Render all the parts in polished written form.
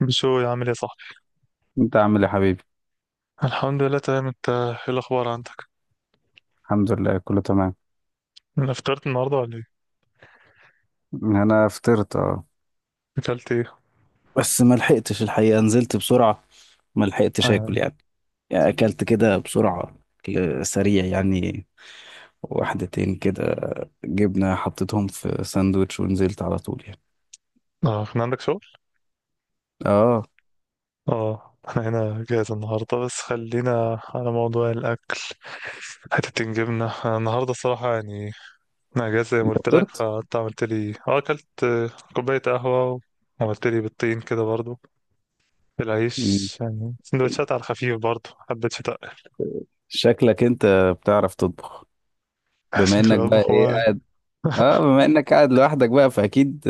بشو يا عامل يا صاحبي. انت عامل ايه يا حبيبي؟ الحمد لله تمام، انت ايه الاخبار عندك؟ الحمد لله كله تمام. انا افطرت النهارده ولا ايه؟ انا فطرت، اه. اكلت ايه؟ بس ما لحقتش الحقيقه، نزلت بسرعه. ما اه لحقتش اكل يعني. يعني. يعني اكلت كده بسرعه، أكل سريع يعني. واحدتين كده، جبنه حطيتهم في ساندوتش ونزلت على طول يعني. اه، كان عندك شغل. اه. اه احنا هنا جاهز النهارده، بس خلينا على موضوع الاكل. حتتين جبنه انا النهارده الصراحه يعني. انا جاهز زي ما انت قلت لك، فطرت؟ فانت عملت لي اه اكلت كوبايه قهوه. وعملت لي بالطين كده برضو، مم. بالعيش يعني سندوتشات على الخفيف برضو. حبيت شتاء. شكلك انت بتعرف تطبخ؟ بما شكلي انك بقى بطبخ ايه هو؟ اه بما انك قاعد لوحدك بقى فاكيد.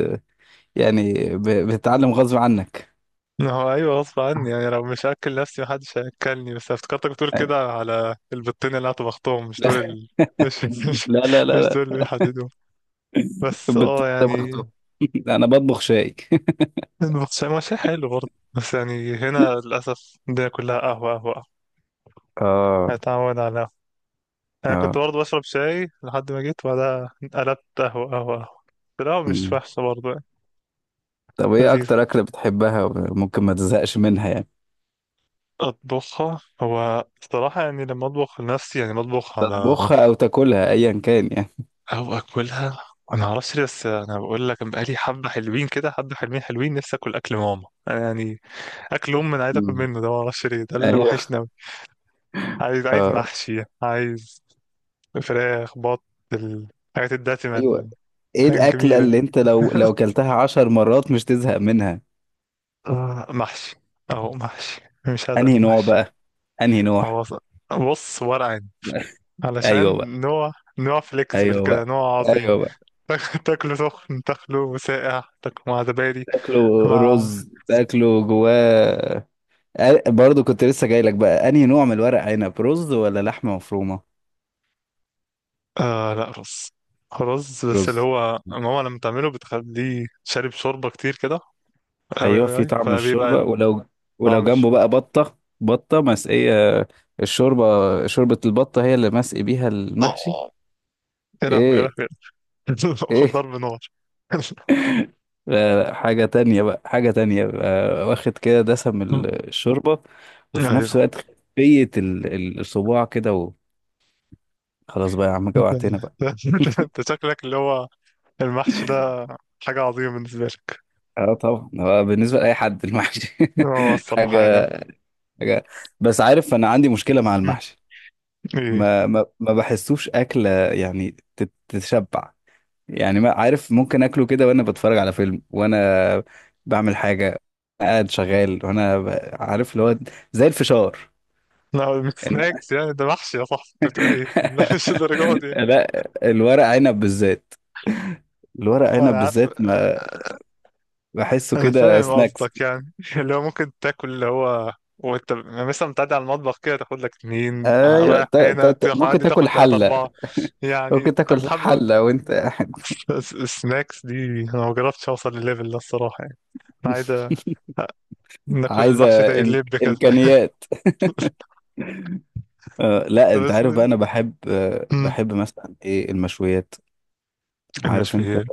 يعني بتتعلم غصب عنك. ما هو ايوه غصب عني يعني، لو مش هاكل نفسي محدش هياكلني. بس افتكرتك بتقول كده على البطين اللي هطبختهم، مش دول لا، ال... مش مش, لا، لا، مش لا. دول اللي بيحددوا. بس اه يعني بطبخته. لا انا بطبخ شاي. المحشي ما شيء حلو برضه. بس يعني هنا للاسف الدنيا كلها قهوه قهوه قهوة. اه. هتعود على قهوه. انا كنت اه. برضه بشرب شاي لحد ما جيت، وبعدها قلبت قهوه قهوه قهوه. بس القهوه مش مم. وحشه برضه يعني. طب ايه لذيذه. اكتر اكله بتحبها وممكن ما تزهقش منها يعني؟ اطبخها هو الصراحه يعني، لما اطبخ لنفسي يعني بطبخ على، تطبخها او تاكلها ايا كان يعني. او اكلها. انا معرفش ليه، بس انا بقول لك أنا بقالي حبه حلوين كده، حبه حلوين حلوين نفسي اكل ماما أنا يعني. اكل ام انا عايز اكل مم. منه ده، معرفش ليه، ده اللي ايوه. وحشني أوي. عايز اه. محشي، عايز فراخ بط، الحاجات الدسمه، ايوه. الحاجات ايه الاكله الجميله دي. اللي انت لو اكلتها 10 مرات مش تزهق منها؟ آه، محشي. او محشي. مش عايز انا انهي نوع محشي. بقى؟ انهي نوع؟ هو ص- بص ورق عنب. ايوه بقى، علشان نوع، نوع فليكسبل ايوه كده، بقى، نوع عظيم. ايوه بقى. تاكله سخن، تاكله ساقع، تاكله مع زبادي، تاكله مع. رز، تاكله جواه. برضو كنت لسه جاي لك بقى، انهي نوع من الورق عنب؟ رز ولا لحمه مفرومه؟ آه لا رز. رز بس اللي رز. هو ماما لما تعمله بتخليه شارب شوربة كتير كده. أوي ايوه أوي في أوي طعم فبيبقى الشوربه ولو، طعم جنبه بقى الشوربة. بطه مسقيه. الشوربه. شوربه البطه هي اللي مسقي بيها المحشي. آه، يا لهوي يا ايه؟ لهوي. خد ايه؟ ضرب نار. لا، لا، حاجه تانية بقى، حاجه تانية بقى، واخد كده دسم الشوربه وفي نفس أيوه. الوقت خفيه الصباع كده. وخلاص بقى يا عم، أنت جوعتنا بقى. أنت أنت شكلك اللي هو المحشي ده حاجة عظيمة بالنسبة لك. اه طبعا، هو بالنسبه لاي حد المحشي. هو الصراحة يعني. حاجه حاجه. بس عارف، انا عندي مشكله مع مم. المحشي. إيه؟ ما بحسوش اكله، يعني تتشبع. يعني ما عارف، ممكن اكله كده وانا بتفرج على فيلم وانا بعمل حاجه، قاعد شغال عارف اللي هو، زي الفشار. لا مش إن- سناكس يعني، ده محشي يا صاحبي، أنت بتقول إيه؟ لا مش الدرجة دي. لا، الورق عنب بالذات، الورق عنب أنا عارف. بالذات ما بحسه انا كده فاهم سناكس. قصدك يعني، اللي هو ممكن تاكل اللي هو، وانت يعني مثلا بتعدي على المطبخ كده تاخد لك اتنين، آه، ايوه، رايح هنا ممكن تعدي تاكل تاخد تلاتة حله، أربعة، يعني ممكن تاخد تاكل حبة. حله وانت قاعد. س- سناكس دي. أنا ما جربتش أوصل للليفل ده الصراحة يعني. أنا عايز أ- ناكل عايزه، المحشي زي إم- اللب كده. امكانيات. لا طب انت اسمه عارف إيه؟ بقى، انا بحب آه مم. بحب مثلا ايه المشويات. عارف انت. المشويات.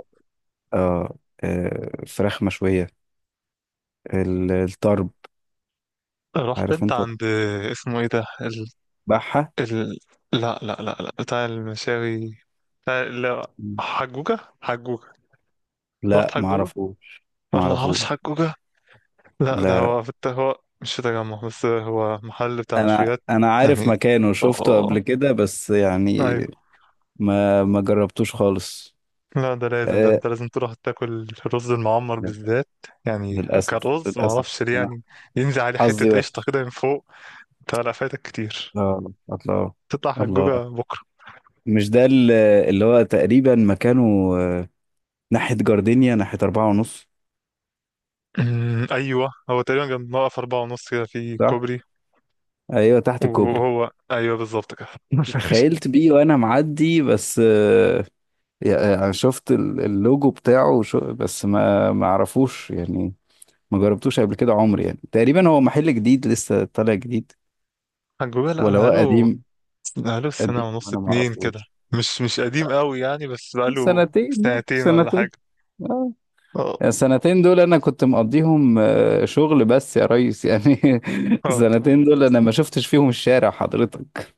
آه فراخ مشوية، الطرب. رحت عارف أنت انت. عند، اسمه إيه ده ال... تذبحها. ال... لا لا لا لا بتاع المشاوي، بتاع لا، حجوجة حجوجة. رحت لا حجوجة؟ معرفوش، ما اعرفش معرفوش. حجوجة. لا ده لا، هو في الت... هو مش في تجمع، بس هو محل بتاع انا مشويات انا عارف يعني. مكانه، شفته اه قبل كده بس يعني ايوه. ما جربتوش خالص. لا ده لازم، ده آه انت لازم تروح تاكل الرز المعمر لا، بالذات يعني. للاسف، كرز ما للاسف. اعرفش ليه انا يعني، ينزل عليه حتة حظي قشطة وحش. كده من فوق. انت لا فايتك كتير. لا، الله، تطلع الله، الله، حجوجة بكرة. مش ده، اللي هو تقريبا مكانه، آه، ناحية جاردينيا، ناحية أربعة ونص. أمم، ايوه هو تقريبا جنب موقف أربعة ونص كده في صح؟ كوبري. أيوة، تحت الكوبري. وهو ايوه بالظبط كده. اتخيلت بيه وأنا معدي بس، يعني أنا شفت اللوجو بتاعه وشو بس ما أعرفوش يعني. ما جربتوش قبل كده عمري يعني، تقريبا هو محل جديد لسه طالع جديد حجوجة لا ولا هو بقاله، قديم؟ بقاله سنة قديم ونص وأنا ما اتنين كده. أعرفوش. مش قديم قوي يعني، بس بقاله سنتين يعني، سنتين ولا سنتين. حاجة. اه، اه. السنتين دول انا كنت مقضيهم، شغل بس يا ريس يعني. اه السنتين طبعاً. دول انا ما شفتش فيهم الشارع حضرتك.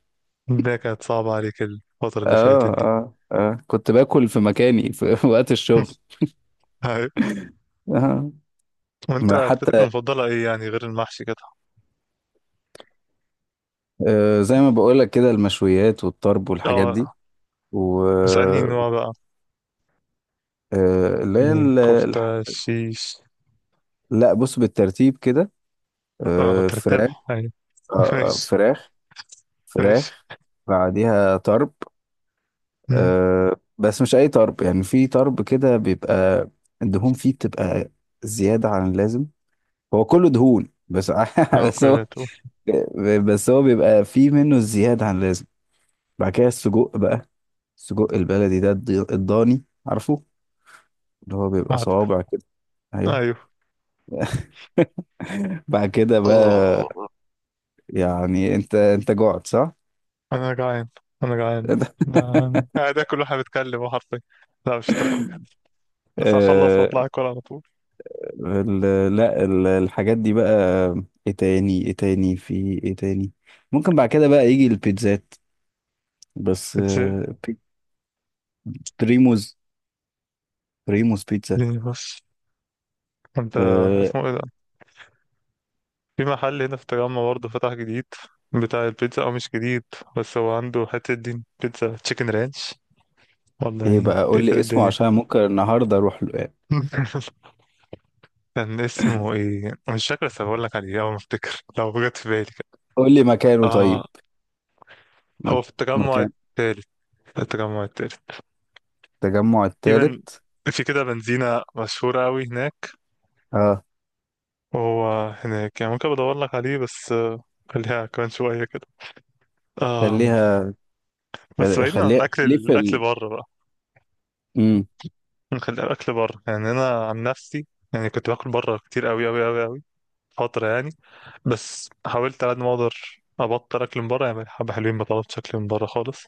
ده كانت صعبة عليك الفترة اللي فاتت اه، دي. اه، اه، كنت باكل في مكاني في وقت الشغل. هاي. آه. وانت ما اكلتك حتى، المفضلة ايه يعني غير المحشي كده؟ زي ما بقول لك كده المشويات والطرب والحاجات دي. اه و، بس انهي نوع بقى؟ اللي هي، يعني كفتة شيش؟ لا بص بالترتيب كده. اه فراخ. ترتبح يعني. آه آه، ماشي. فراخ ماشي. فراخ. بعديها طرب. مم. بس مش اي طرب يعني، في طرب كده بيبقى الدهون فيه بتبقى زيادة عن اللازم، هو كله دهون بس. بس معقولة. هو بس هو بيبقى فيه منه زيادة عن اللازم. بعد كده السجق بقى، السجق البلدي ده الضاني، عارفه، اللي هو بيبقى عارف. صوابع كده. ايوه. ايوه. بعد كده بقى، اه. يعني انت جعت صح؟ انا جعان، انا جعان. جعان. آه، ده انا قاعد اكل واحنا بنتكلم حرفيا. لا مش الدرجة دي. بس هخلص آه، واطلع اكل على طول. لا الحاجات دي بقى. ايه تاني ايه تاني في ايه تاني؟ ممكن بعد كده بقى يجي البيتزات. بس، اتزهقت بريموز بريموز بيتزا. يعني. بس انت، آه، اسمه ايه ده، في محل هنا في التجمع برضه فتح جديد بتاع البيتزا، او مش جديد. بس هو عنده حتة دين بيتزا تشيكن رانش ايه والله بقى قول تقفل لي اسمه الدنيا كده. عشان ممكن النهارده اروح له يعني. كان اسمه ايه مش فاكر، بس هقول لك عليه اول ما افتكر لو جت في بالي كده. قول لي مكانه طيب. اه. مك- هو في التجمع مكان، التالت، التجمع التالت التجمع الثالث. تقريبا. في كده بنزينة مشهورة أوي هناك، اه، وهو هناك يعني، ممكن بدور لك عليه بس آه، خليها كمان شوية كده. آه خليها بس خل- بعيدا خليها عن اكل خليه في الاكل ال... بره بقى، مم. نخلي الاكل بره يعني. انا عن نفسي يعني كنت باكل بره كتير قوي قوي قوي قوي فتره يعني. بس حاولت على قد ما اقدر ابطل اكل من بره، يعني بقالي حبه حلوين بطلت اكل من بره خالص.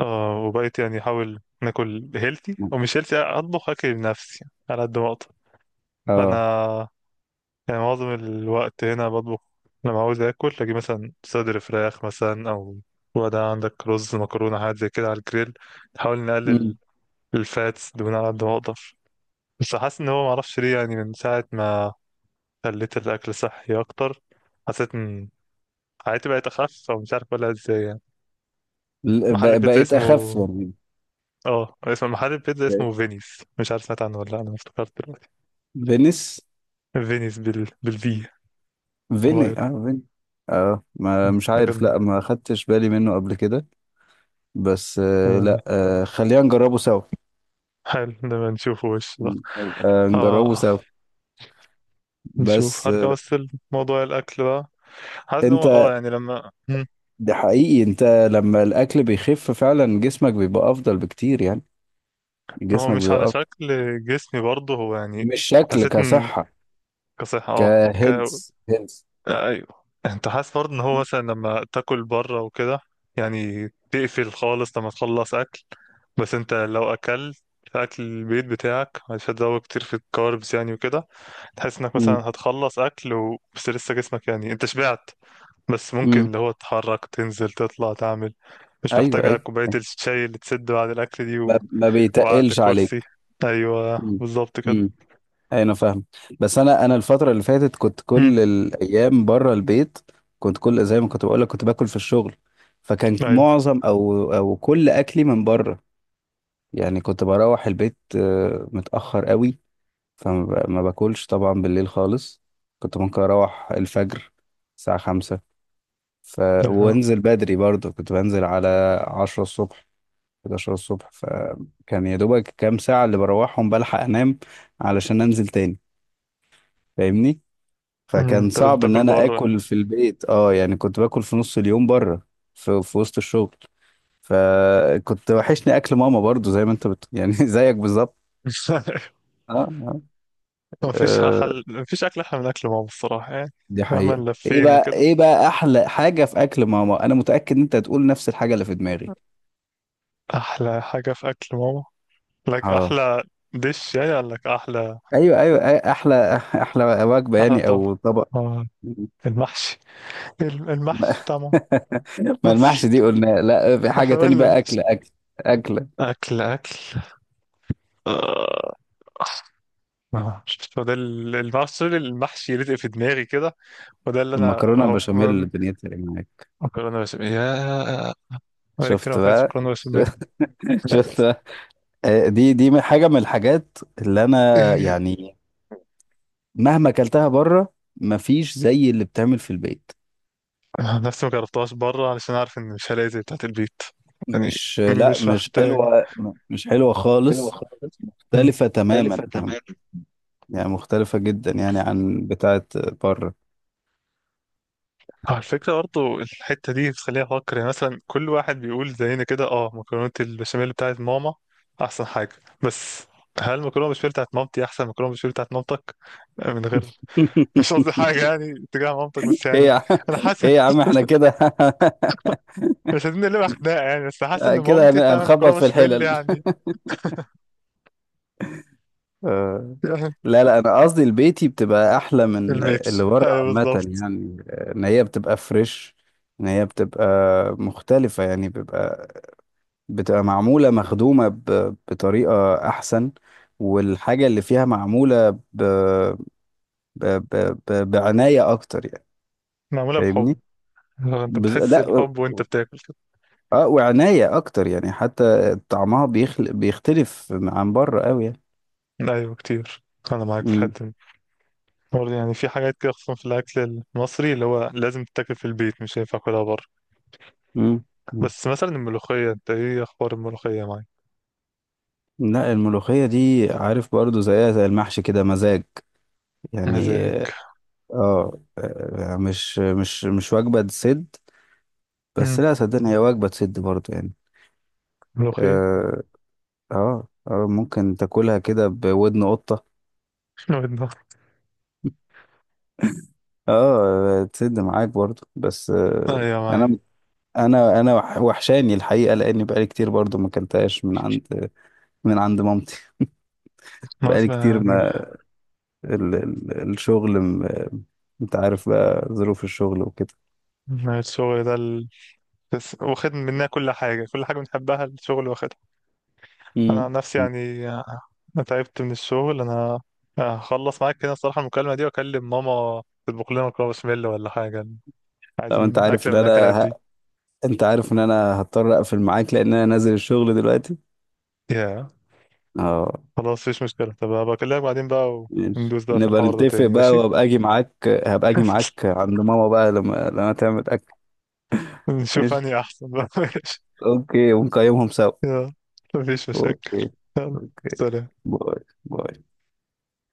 آه وبقيت يعني احاول ناكل هيلثي، ومش هيلثي اطبخ اكل بنفسي على قد ما اقدر. فانا اه. يعني معظم الوقت هنا بطبخ. لما عاوز اكل اجي مثلا صدر فراخ مثلا، او وده عندك رز مكرونه حاجات زي كده على الجريل. نحاول نقلل مم. الفاتس دهون على قد ما اقدر. بس حاسس ان هو معرفش ليه يعني، من ساعة ما خليت الاكل صحي اكتر حسيت ان حياتي بقت اخف، او مش عارف اقولها ازاي يعني. محل البيتزا بقيت اسمه، اخف يعني. اه اسم محل البيتزا بقيت. اسمه فينيس، مش عارف سمعت عنه ولا لا، انا افتكرت دلوقتي. فينيس. فينيس، بال بالفي فاير. فيني. اه، ما مش ده عارف، كان لا ما خدتش بالي منه قبل كده. بس، آه، لا، خلينا نجربه سوا. حلو لما نشوفه وش ده. نبقى نجربه اه. سوا. نشوف. بس هرجع آه بس لموضوع الاكل بقى. حاسس ان هو انت، اه يعني لما. مم. ده حقيقي انت. لما الاكل بيخف فعلا جسمك بيبقى افضل بكتير يعني. هو جسمك مش على بيبقى افضل. شكل جسمي برضه هو يعني، مش شكل، حسيت كصحة. كصحة اه ك... آه، هيلث. ايوه. انت حاسس برضه ان هو مثلا لما تاكل بره وكده، يعني تقفل خالص لما تخلص اكل. بس انت لو اكلت اكل البيت بتاعك مش هتزود كتير في الكاربس يعني وكده، تحس انك مثلا هتخلص اكل و... بس لسه جسمك يعني انت شبعت، بس ممكن اللي هو تتحرك تنزل تطلع تعمل، مش ايوه، محتاجة ايوه. كوباية الشاي اللي تسد بعد الاكل دي ما, و... ما وقعدت بيتقلش الكرسي. عليك. ايوه امم. بالظبط كده. امم. انا فاهم. بس انا الفتره اللي فاتت كنت مم. كل الايام بره البيت. كنت كل زي ما كنت بقول لك كنت باكل في الشغل، فكان ايوه. معظم او كل اكلي من بره. يعني كنت بروح البيت متاخر قوي. ما باكلش طبعا بالليل خالص. كنت ممكن اروح الفجر، الساعه 5 ف... يا. وانزل بدري برضه، كنت بنزل على 10 الصبح، 11 الصبح. فكان يا دوبك كام ساعة اللي بروحهم بلحق أنام علشان أنزل تاني. فاهمني؟ مم. فكان انت لازم صعب إن تاكل أنا بره. آكل في البيت. يعني كنت باكل في نص اليوم بره، في وسط الشغل. فكنت وحشني أكل ماما برضو، زي ما أنت يعني زيك بالظبط. أه، أه. مفيش آه، حل، مفيش أكل أحلى من أكل ماما الصراحة يعني. دي مهما حقيقة. لفينا كده إيه بقى أحلى حاجة في أكل ماما؟ أنا متأكد إن أنت هتقول نفس الحاجة اللي في دماغي. أحلى حاجة في أكل ماما. لك أه، أحلى دش يعني قال لك أحلى. أيوه، أيوه، أيوة، أحلى وجبة أحلى يعني طبق أو طبق. آه، المحشي، ما المحشي بتاع ماما. ما المحشي دي قلنا، لا في حاجة احنا تاني قلنا بقى. المحشي. أكل أكل آه، آه، شفت، هو ده ال- المحشي، المحشي يلزق في دماغي كده وده اللي أنا المكرونة أهو. بشاميل، دنيتي إيه معاك؟ مكرونة بشاميل يا، بقالي كتير شفت ما أكلتش بقى. مكرونة بشاميل. شفت بقى. دي حاجة من الحاجات اللي أنا، يعني، مهما أكلتها بره، مفيش زي اللي بتعمل في البيت. أنا نفسي ما جربتهاش بره علشان عارف ان مش هلاقي زي بتاعت البيت يعني. مش لا، مش مش محتاجة. حلوة. مش حلوة حلوة خالص. خالص. مم. مختلفة تماما مختلفة يعني، تماما. مختلفة جدا يعني عن بتاعة بره. على فكرة برضه الحتة دي بتخليني أفكر يعني، مثلا كل واحد بيقول زينا كده، اه مكرونة البشاميل بتاعت ماما أحسن حاجة. بس هل مكرونة بشاميل بتاعت مامتي أحسن مكرونة بشاميل بتاعت مامتك؟ من غير، مش قصدي حاجة يعني تجاه مامتك، بس ايه يعني يا عم، أنا حاسس احنا كده. مش عايزين نقلبها خناقة يعني، بس حاسس إن كده مامتي بتعمل هنخبط مكرونة في بشاميل الحلل. يعني. آه. لا، لا، انا قصدي البيتي بتبقى احلى من البيت. اللي بره أيوه عامه بالظبط. يعني. ان هي بتبقى فريش، ان هي بتبقى مختلفه يعني. بتبقى معموله، مخدومه بطريقه احسن، والحاجه اللي فيها معموله بعنايه اكتر يعني. معمولة بحب. فاهمني؟ آه، انت بتحس لا، الحب وانت بتاكل كده. اه، وعنايه اكتر يعني، حتى طعمها بيختلف عن بره قوي يعني. ايوه كتير، انا معاك في الحتة دي. برضه يعني في حاجات كده خصوصا في الاكل المصري اللي هو لازم تتاكل في البيت، مش هينفع اكلها بره. امم. بس مثلا الملوخية، انت ايه اخبار الملوخية معاك؟ لا، الملوخية دي عارف برضو زيها زي المحشي كده، مزاج يعني. مزاج. اه. مش وجبة تسد. بس مم، لا، صدقني هي وجبة تسد برضو يعني. ملوخية. اه، اه. ممكن تاكلها كده بودن قطة. ودنا. اه تسد معاك برضو بس. ايوه معاك. انا انا وحشاني الحقيقة، لاني بقالي كتير برضو ما اكلتهاش من عند، مامتي. خلاص بقالي كتير، بقى ما ال ال الشغل انت عارف بقى ظروف الشغل وكده. الشغل ده ال... بس واخد مننا كل حاجة، كل حاجة بنحبها الشغل واخد. انا مم. عن نفسي يعني آه، انا تعبت من الشغل انا. آه، هخلص معاك كده الصراحه المكالمه دي واكلم ماما تطبخ لنا مكرونه بشاميل ولا حاجه. لو انت عايزين عارف اكله ان من الاكلات انا دي. ه... انت عارف ان انا هضطر اقفل معاك لان انا نازل الشغل دلوقتي. يا اه. خلاص مفيش مشكله، طب هبقى اكلمك بعدين بقى، ماشي، وندوس بقى في نبقى الحوار ده نتفق تاني بقى ماشي. وابقى اجي معاك. هبقى اجي معاك عند ماما بقى، لما تعمل اكل. نشوف ماشي. اني احسن بقى. ماشي. اوكي، ونقيمهم سوا. يا. مفيش مشاكل. اوكي. يلا. اوكي. سلام. باي. باي.